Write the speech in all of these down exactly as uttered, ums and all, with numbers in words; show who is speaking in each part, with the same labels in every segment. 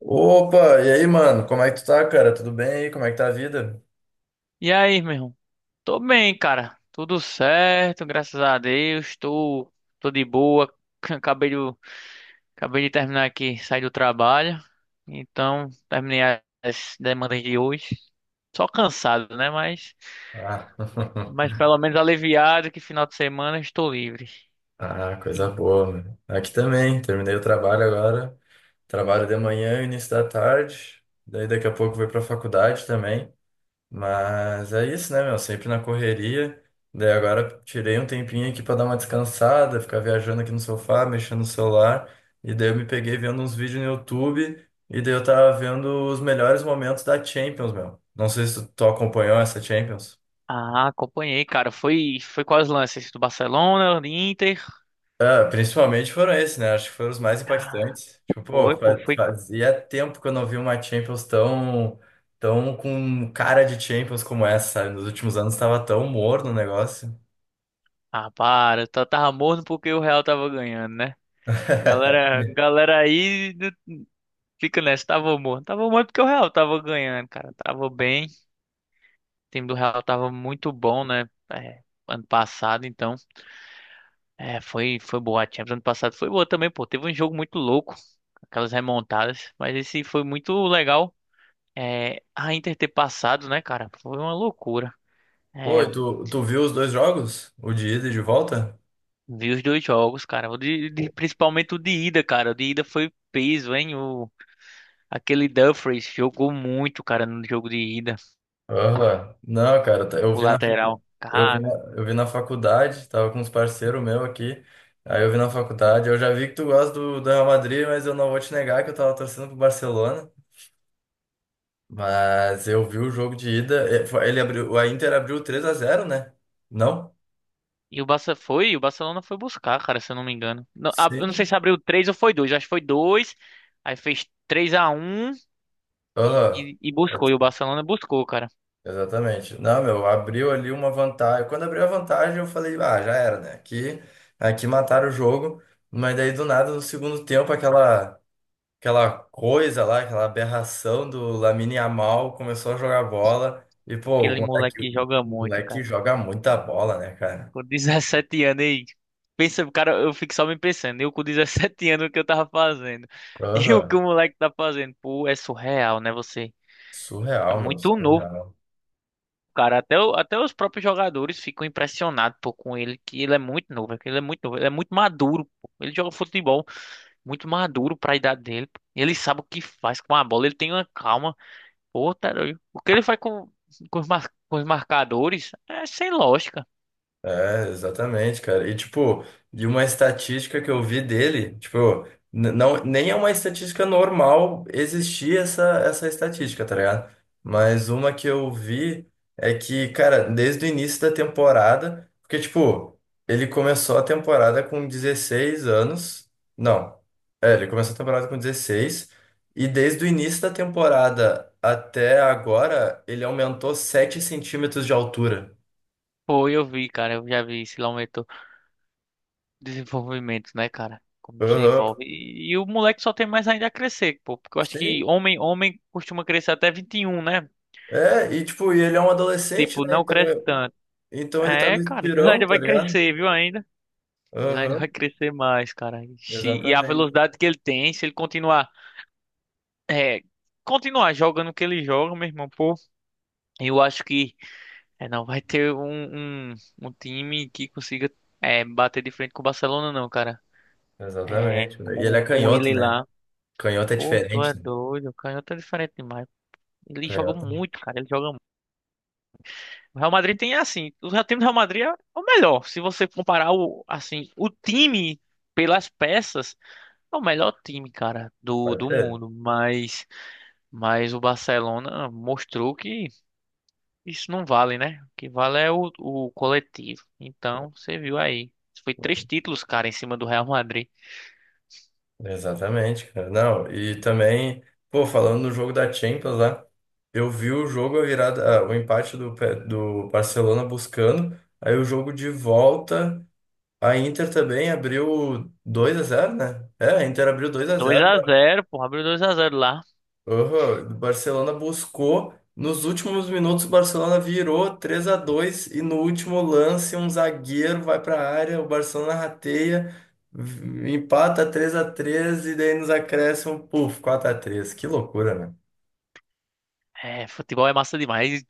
Speaker 1: Opa, e aí, mano? Como é que tu tá, cara? Tudo bem aí? Como é que tá a vida?
Speaker 2: E aí, meu irmão? Tô bem, cara. Tudo certo, graças a Deus. Tô, tô de boa. Acabei de, acabei de terminar aqui, sair do trabalho. Então, terminei as demandas de hoje. Só cansado, né? Mas,
Speaker 1: Ah,
Speaker 2: mas pelo menos aliviado que final de semana estou livre.
Speaker 1: Ah,
Speaker 2: E-
Speaker 1: coisa boa, mano. Aqui também, terminei o trabalho agora. Trabalho de manhã, início da tarde. Daí daqui a pouco vou pra faculdade também. Mas é isso, né, meu? Sempre na correria. Daí agora tirei um tempinho aqui pra dar uma descansada, ficar viajando aqui no sofá, mexendo no celular. E daí eu me peguei vendo uns vídeos no YouTube. E daí eu tava vendo os melhores momentos da Champions, meu. Não sei se tu, tu acompanhou essa Champions.
Speaker 2: ah, acompanhei, cara. Foi, foi quais lances? Do Barcelona, do Inter?
Speaker 1: Ah, principalmente foram esses, né? Acho que foram os mais
Speaker 2: Ah,
Speaker 1: impactantes. Tipo,
Speaker 2: foi,
Speaker 1: pô,
Speaker 2: pô,
Speaker 1: fa-
Speaker 2: foi.
Speaker 1: fazia tempo que eu não vi uma Champions tão, tão com cara de Champions como essa, sabe? Nos últimos anos tava tão morno o negócio.
Speaker 2: Ah, para. Tá- Tava morno porque o Real tava ganhando, né? Galera, galera aí. Fica nessa, tava bom. Tava morto porque o Real tava ganhando, cara. Tava bem. O time do Real tava muito bom, né? É, ano passado, então. É, foi, foi boa. A Champions ano passado foi boa também, pô. Teve um jogo muito louco. Aquelas remontadas. Mas esse foi muito legal. É, a Inter ter passado, né, cara? Foi uma loucura.
Speaker 1: Pô,
Speaker 2: É,
Speaker 1: e tu, tu viu os dois jogos? O de ida e de volta?
Speaker 2: vi os dois jogos, cara. O de, de- principalmente o de ida, cara. O de ida foi peso, hein? O, aquele Dumfries jogou muito, cara, no jogo de ida.
Speaker 1: Aham. Não, cara, tá- eu
Speaker 2: O
Speaker 1: vi na, facu-
Speaker 2: lateral.
Speaker 1: eu vi na,
Speaker 2: Cara.
Speaker 1: eu vi na faculdade, tava com uns parceiros meus aqui. Aí eu vi na faculdade, eu já vi que tu gosta do, do Real Madrid, mas eu não vou te negar que eu tava torcendo pro Barcelona. Mas eu vi o jogo de ida, eh, foi- ele abriu, a Inter abriu três a zero, né? Não?
Speaker 2: E o Barça foi, o Barcelona foi buscar, cara, se eu não me engano. Não, a- eu não sei
Speaker 1: Sim.
Speaker 2: se abriu três ou foi dois, acho que foi dois. Aí fez três a um e,
Speaker 1: Aham.
Speaker 2: e, e buscou. E o Barcelona buscou, cara.
Speaker 1: Exatamente. Não, meu, abriu ali uma vantagem. Quando abriu a vantagem, eu falei, ah, já era, né? Aqui, aqui mataram o jogo. Mas daí, do nada, no segundo tempo, aquela, aquela coisa lá, aquela aberração do Lamine Yamal começou a jogar bola. E, pô, o
Speaker 2: Aquele
Speaker 1: moleque,
Speaker 2: moleque joga
Speaker 1: o
Speaker 2: muito,
Speaker 1: moleque
Speaker 2: cara.
Speaker 1: joga muita bola, né, cara?
Speaker 2: Com dezessete anos aí. Pensa, cara, eu fico só me pensando. Eu com dezessete anos, o que eu tava fazendo. E o que
Speaker 1: Aham.
Speaker 2: o moleque tá fazendo? Pô, é surreal, né? Você é
Speaker 1: Surreal, meu,
Speaker 2: muito novo,
Speaker 1: surreal.
Speaker 2: cara. Até, o- até os próprios jogadores ficam impressionados, pô, com ele, que ele é muito novo. É que Ele é muito novo, ele é muito maduro, pô. Ele joga futebol. Muito maduro pra idade dele. Ele sabe o que faz com a bola, ele tem uma calma. Pô, tá doido. O que ele faz com, com, os, mar- com os marcadores é sem lógica.
Speaker 1: É, exatamente, cara. E tipo, de uma estatística que eu vi dele, tipo, n- não, nem é uma estatística normal existir essa, essa estatística, tá ligado? Mas uma que eu vi é que, cara, desde o início da temporada, porque, tipo, ele começou a temporada com dezesseis anos. Não, é, ele começou a temporada com dezesseis e desde o início da temporada até agora, ele aumentou sete centímetros de altura.
Speaker 2: Pô, eu vi, cara, eu já vi esse aumento, desenvolvimento, né, cara? Como
Speaker 1: Aham.
Speaker 2: desenvolve. E, e o moleque só tem mais ainda a crescer, pô, porque eu acho que
Speaker 1: Sim,
Speaker 2: homem, homem costuma crescer até vinte e um, né?
Speaker 1: é, e tipo, e ele é um adolescente,
Speaker 2: Tipo,
Speaker 1: né?
Speaker 2: não
Speaker 1: Então,
Speaker 2: cresce tanto.
Speaker 1: então ele tá
Speaker 2: É,
Speaker 1: no
Speaker 2: cara, então ele
Speaker 1: estirão,
Speaker 2: ainda
Speaker 1: tá
Speaker 2: vai
Speaker 1: ligado?
Speaker 2: crescer, viu, ainda? Ele ainda
Speaker 1: Aham,
Speaker 2: vai crescer mais, cara. Ixi, e a
Speaker 1: exatamente.
Speaker 2: velocidade que ele tem, se ele continuar é, continuar jogando o que ele joga, meu irmão, pô, eu acho que é, não vai ter um, um, um time que consiga, é, bater de frente com o Barcelona, não, cara. É,
Speaker 1: Exatamente, né? E ele
Speaker 2: com,
Speaker 1: é
Speaker 2: com
Speaker 1: canhoto,
Speaker 2: ele
Speaker 1: né?
Speaker 2: lá.
Speaker 1: Canhoto é
Speaker 2: Pô, tu é
Speaker 1: diferente, né?
Speaker 2: doido, o canhoto é diferente demais. Ele joga
Speaker 1: Canhoto
Speaker 2: muito, cara, ele joga muito. O Real Madrid tem assim, o Real- time do Real Madrid é o melhor. Se você comparar o, assim, o time pelas peças, é o melhor time, cara, do,
Speaker 1: pode
Speaker 2: do
Speaker 1: ser.
Speaker 2: mundo. Mas, mas o Barcelona mostrou que isso não vale, né? O que vale é o, o coletivo. Então, você viu aí. Foi três títulos, cara, em cima do Real Madrid.
Speaker 1: Exatamente, cara. Não, e também, pô, falando no jogo da Champions lá, eu vi o jogo, a virada, ah, o empate do, Pe- do Barcelona buscando, aí o jogo de volta, a Inter também abriu dois a zero, né? É, a Inter abriu dois a
Speaker 2: Dois
Speaker 1: zero
Speaker 2: a zero, porra, abriu dois a zero lá.
Speaker 1: Aham, o Barcelona buscou. Nos últimos minutos, o Barcelona virou três a dois e no último lance, um zagueiro vai para a área. O Barcelona rateia, v- empata três a três e daí nos acréscimos, puf, quatro a três. Que loucura,
Speaker 2: É, futebol é massa demais. e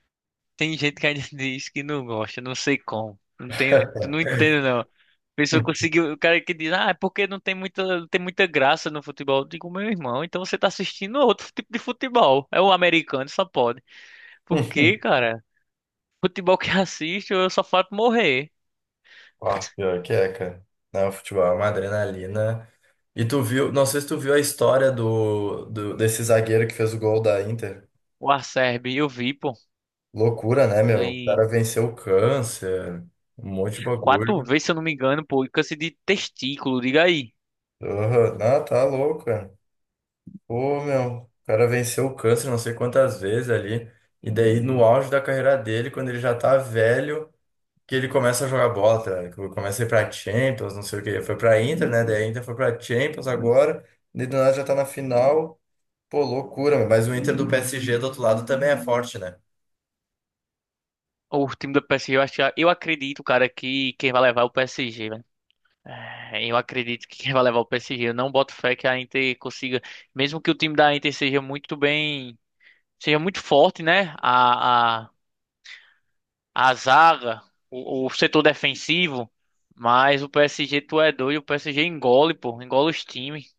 Speaker 2: Tem gente que ainda diz que não gosta, não sei como. Não tenho, tu não entendo, não. A pessoa
Speaker 1: né?
Speaker 2: conseguiu, o cara que diz, ah, é porque não tem muita, não tem muita graça no futebol. Eu digo, meu irmão, então você tá assistindo outro tipo de futebol. É o americano, só pode. Por quê, cara? Futebol que assisto, eu só faço morrer.
Speaker 1: Ah, pior que é, cara. Não, futebol é uma adrenalina. E tu viu, não sei se tu viu a história do, do desse zagueiro que fez o gol da Inter.
Speaker 2: O Acerbi, eu vi, pô.
Speaker 1: Loucura, né, meu? O
Speaker 2: Ele
Speaker 1: cara venceu o câncer, um monte de
Speaker 2: quatro
Speaker 1: bagulho.
Speaker 2: vezes, se eu não me engano, pô, e câncer de testículo, diga aí.
Speaker 1: Aham, não, tá louco, cara. Pô, meu, o cara venceu o câncer não sei quantas vezes ali. E daí, no auge da carreira dele, quando ele já tá velho, que ele começa a jogar bola, tá ligado? Que Começa a ir pra Champions, não sei o quê. Foi pra Inter, né? Daí a Inter foi pra Champions agora. E do nada já tá na final. Pô, loucura, meu. Mas o Inter do P S G do outro lado também é forte, né?
Speaker 2: O time do P S G, eu acho, que- eu acredito, cara, que quem vai levar é o P S G, velho. É, eu acredito que quem vai levar é o P S G. Eu não boto fé que a Inter consiga, mesmo que o time da Inter seja muito bem, seja muito forte, né? A, a, a zaga, o, o setor defensivo, mas o P S G, tu é doido, o P S G engole, pô, engole os times,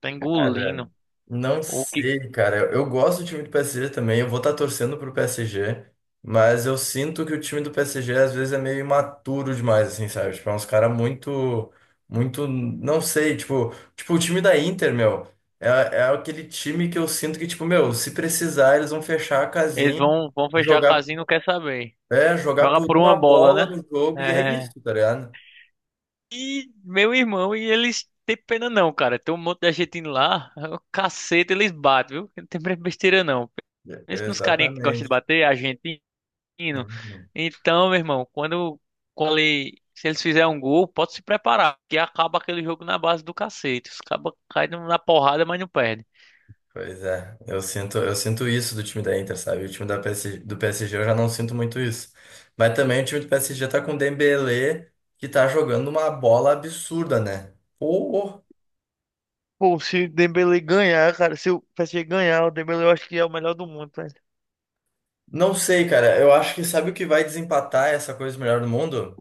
Speaker 2: tá
Speaker 1: Cara,
Speaker 2: engolindo.
Speaker 1: não
Speaker 2: O que
Speaker 1: sei, cara. Eu, eu gosto do time do P S G também. Eu vou estar torcendo pro P S G, mas eu sinto que o time do P S G às vezes é meio imaturo demais, assim, sabe? Tipo, é uns caras muito, muito, não sei, tipo, tipo, o time da Inter, meu, é, é aquele time que eu sinto que, tipo, meu, se precisar, eles vão fechar a
Speaker 2: eles
Speaker 1: casinha,
Speaker 2: vão, vão fechar a
Speaker 1: jogar,
Speaker 2: casinha, e não quer saber.
Speaker 1: é, jogar
Speaker 2: Joga
Speaker 1: por
Speaker 2: por
Speaker 1: uma
Speaker 2: uma bola,
Speaker 1: bola
Speaker 2: né?
Speaker 1: no jogo, e é
Speaker 2: É.
Speaker 1: isso, tá ligado?
Speaker 2: E meu irmão, e eles têm pena não, cara. Tem um monte de argentino lá. O cacete, eles batem, viu? Não tem besteira não.
Speaker 1: É,
Speaker 2: Pensa nos carinha que gosta de
Speaker 1: exatamente.
Speaker 2: bater, argentino.
Speaker 1: Uhum.
Speaker 2: Então, meu irmão, quando, quando ele- se eles fizerem um gol, pode se preparar, que acaba aquele jogo na base do cacete. Os cabas caem na porrada, mas não perdem.
Speaker 1: Pois é, eu sinto, eu sinto isso do time da Inter, sabe? O time da P S G, do P S G eu já não sinto muito isso. Mas também o time do P S G tá com o Dembélé, que tá jogando uma bola absurda, né? Ou,
Speaker 2: Pô, se o Dembele ganhar, cara, se o P S G ganhar, o Dembele eu acho que é o melhor do mundo.
Speaker 1: não sei, cara. Eu acho que sabe o que vai desempatar essa coisa do melhor do mundo?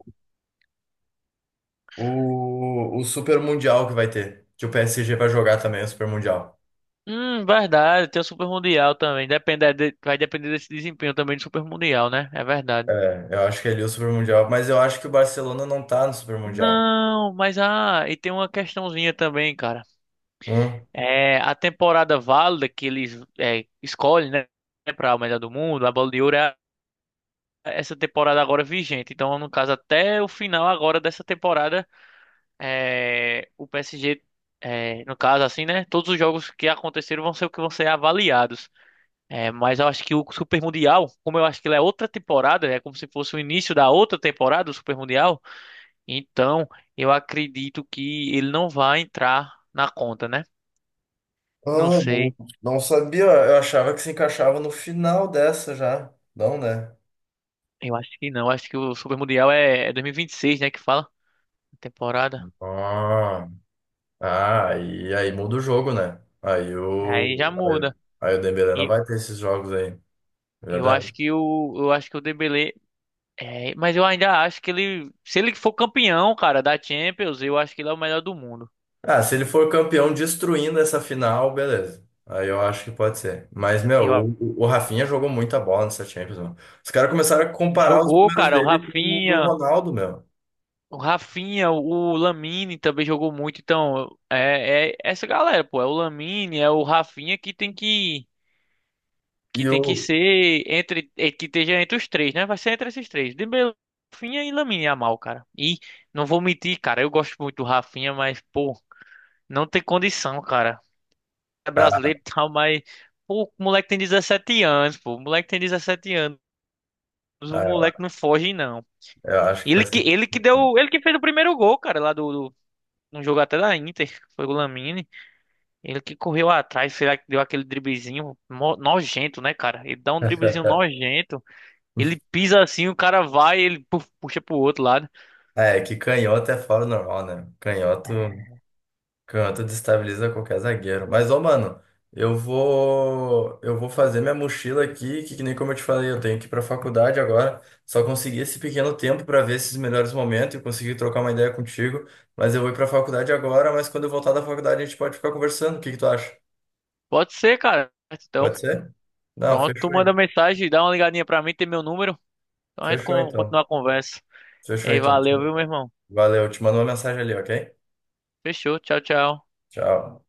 Speaker 1: O, o Super Mundial que vai ter. Que o P S G vai jogar também o Super Mundial.
Speaker 2: Hum, verdade, tem o Super Mundial também. Depender de- vai depender desse desempenho também do Super Mundial, né? É verdade.
Speaker 1: É, eu acho que é ali o Super Mundial, mas eu acho que o Barcelona não tá no Super Mundial.
Speaker 2: Não, mas ah, e tem uma questãozinha também, cara.
Speaker 1: Hum?
Speaker 2: É, a temporada válida que eles, é, escolhem, né, para o melhor do mundo, a Bola de Ouro, é a- essa temporada agora vigente. Então, no caso, até o final agora dessa temporada, é, o P S G, é, no caso, assim, né, todos os jogos que aconteceram vão ser o que vão ser avaliados. É, mas eu acho que o Super Mundial, como eu acho que ele é outra temporada, é como se fosse o início da outra temporada do Super Mundial, então eu acredito que ele não vai entrar na conta, né? Não
Speaker 1: Ah, não.
Speaker 2: sei,
Speaker 1: Não sabia, eu achava que se encaixava no final dessa já. Não, né?
Speaker 2: eu acho que não, acho que o Super Mundial é, é dois mil e vinte e seis, né, que fala a temporada.
Speaker 1: Ah, ah, e aí muda o jogo, né? Aí
Speaker 2: Aí já
Speaker 1: o, aí,
Speaker 2: muda.
Speaker 1: aí o Dembélé não
Speaker 2: E
Speaker 1: vai ter esses jogos aí, é
Speaker 2: eu acho
Speaker 1: verdade.
Speaker 2: que o eu acho que o Dembélé, é, mas eu ainda acho que ele, se ele for campeão, cara, da Champions, eu acho que ele é o melhor do mundo.
Speaker 1: Ah, se ele for campeão destruindo essa final, beleza. Aí eu acho que pode ser. Mas,
Speaker 2: Eu
Speaker 1: meu,
Speaker 2: a-
Speaker 1: o, o Rafinha jogou muita bola nessa Champions, mano. Os caras começaram a comparar os
Speaker 2: Jogou,
Speaker 1: números
Speaker 2: cara, o
Speaker 1: dele com o do
Speaker 2: Rafinha.
Speaker 1: Ronaldo, meu.
Speaker 2: O Rafinha, o Lamine também jogou muito, então é, é essa galera, pô, é o Lamine, é o Rafinha que tem que
Speaker 1: E
Speaker 2: que tem que
Speaker 1: o...
Speaker 2: ser entre, é, que esteja entre os três, né? Vai ser entre esses três, Dembélé, Rafinha e Lamine Yamal, cara. E não vou mentir, cara, eu gosto muito do Rafinha, mas pô, não tem condição, cara. É brasileiro
Speaker 1: Ah,
Speaker 2: e tal, mas pô, o moleque tem 17 anos, pô, o moleque tem dezessete anos, o
Speaker 1: ah,
Speaker 2: moleque não foge não.
Speaker 1: eu acho que vai
Speaker 2: Ele que
Speaker 1: ser...
Speaker 2: ele que deu, ele que fez o primeiro gol, cara, lá do no jogo até da Inter, foi o Lamine. Ele que correu atrás, será que deu aquele driblezinho mo- nojento, né, cara? Ele dá um driblezinho nojento. Ele pisa assim, o cara vai, ele puf, puxa pro outro lado.
Speaker 1: É, que canhoto é fora do normal, né? Canhoto, canhoto destabiliza qualquer zagueiro. Mas, ô, mano, eu vou, eu vou fazer minha mochila aqui, que, que nem como eu te falei, eu tenho que ir pra faculdade agora. Só consegui esse pequeno tempo pra ver esses melhores momentos e conseguir trocar uma ideia contigo. Mas eu vou ir pra faculdade agora, mas quando eu voltar da faculdade a gente pode ficar conversando. O que que tu acha?
Speaker 2: Pode ser, cara. Então,
Speaker 1: Pode ser? Não,
Speaker 2: pronto, tu
Speaker 1: fechou aí.
Speaker 2: manda mensagem, dá uma ligadinha pra mim, tem meu número. Então a gente
Speaker 1: Fechou
Speaker 2: con- continua
Speaker 1: então.
Speaker 2: a conversa. E
Speaker 1: Fechou
Speaker 2: aí,
Speaker 1: então.
Speaker 2: valeu, viu, meu irmão?
Speaker 1: Valeu, eu te mando uma mensagem ali, ok?
Speaker 2: Fechou, tchau, tchau.
Speaker 1: Tchau.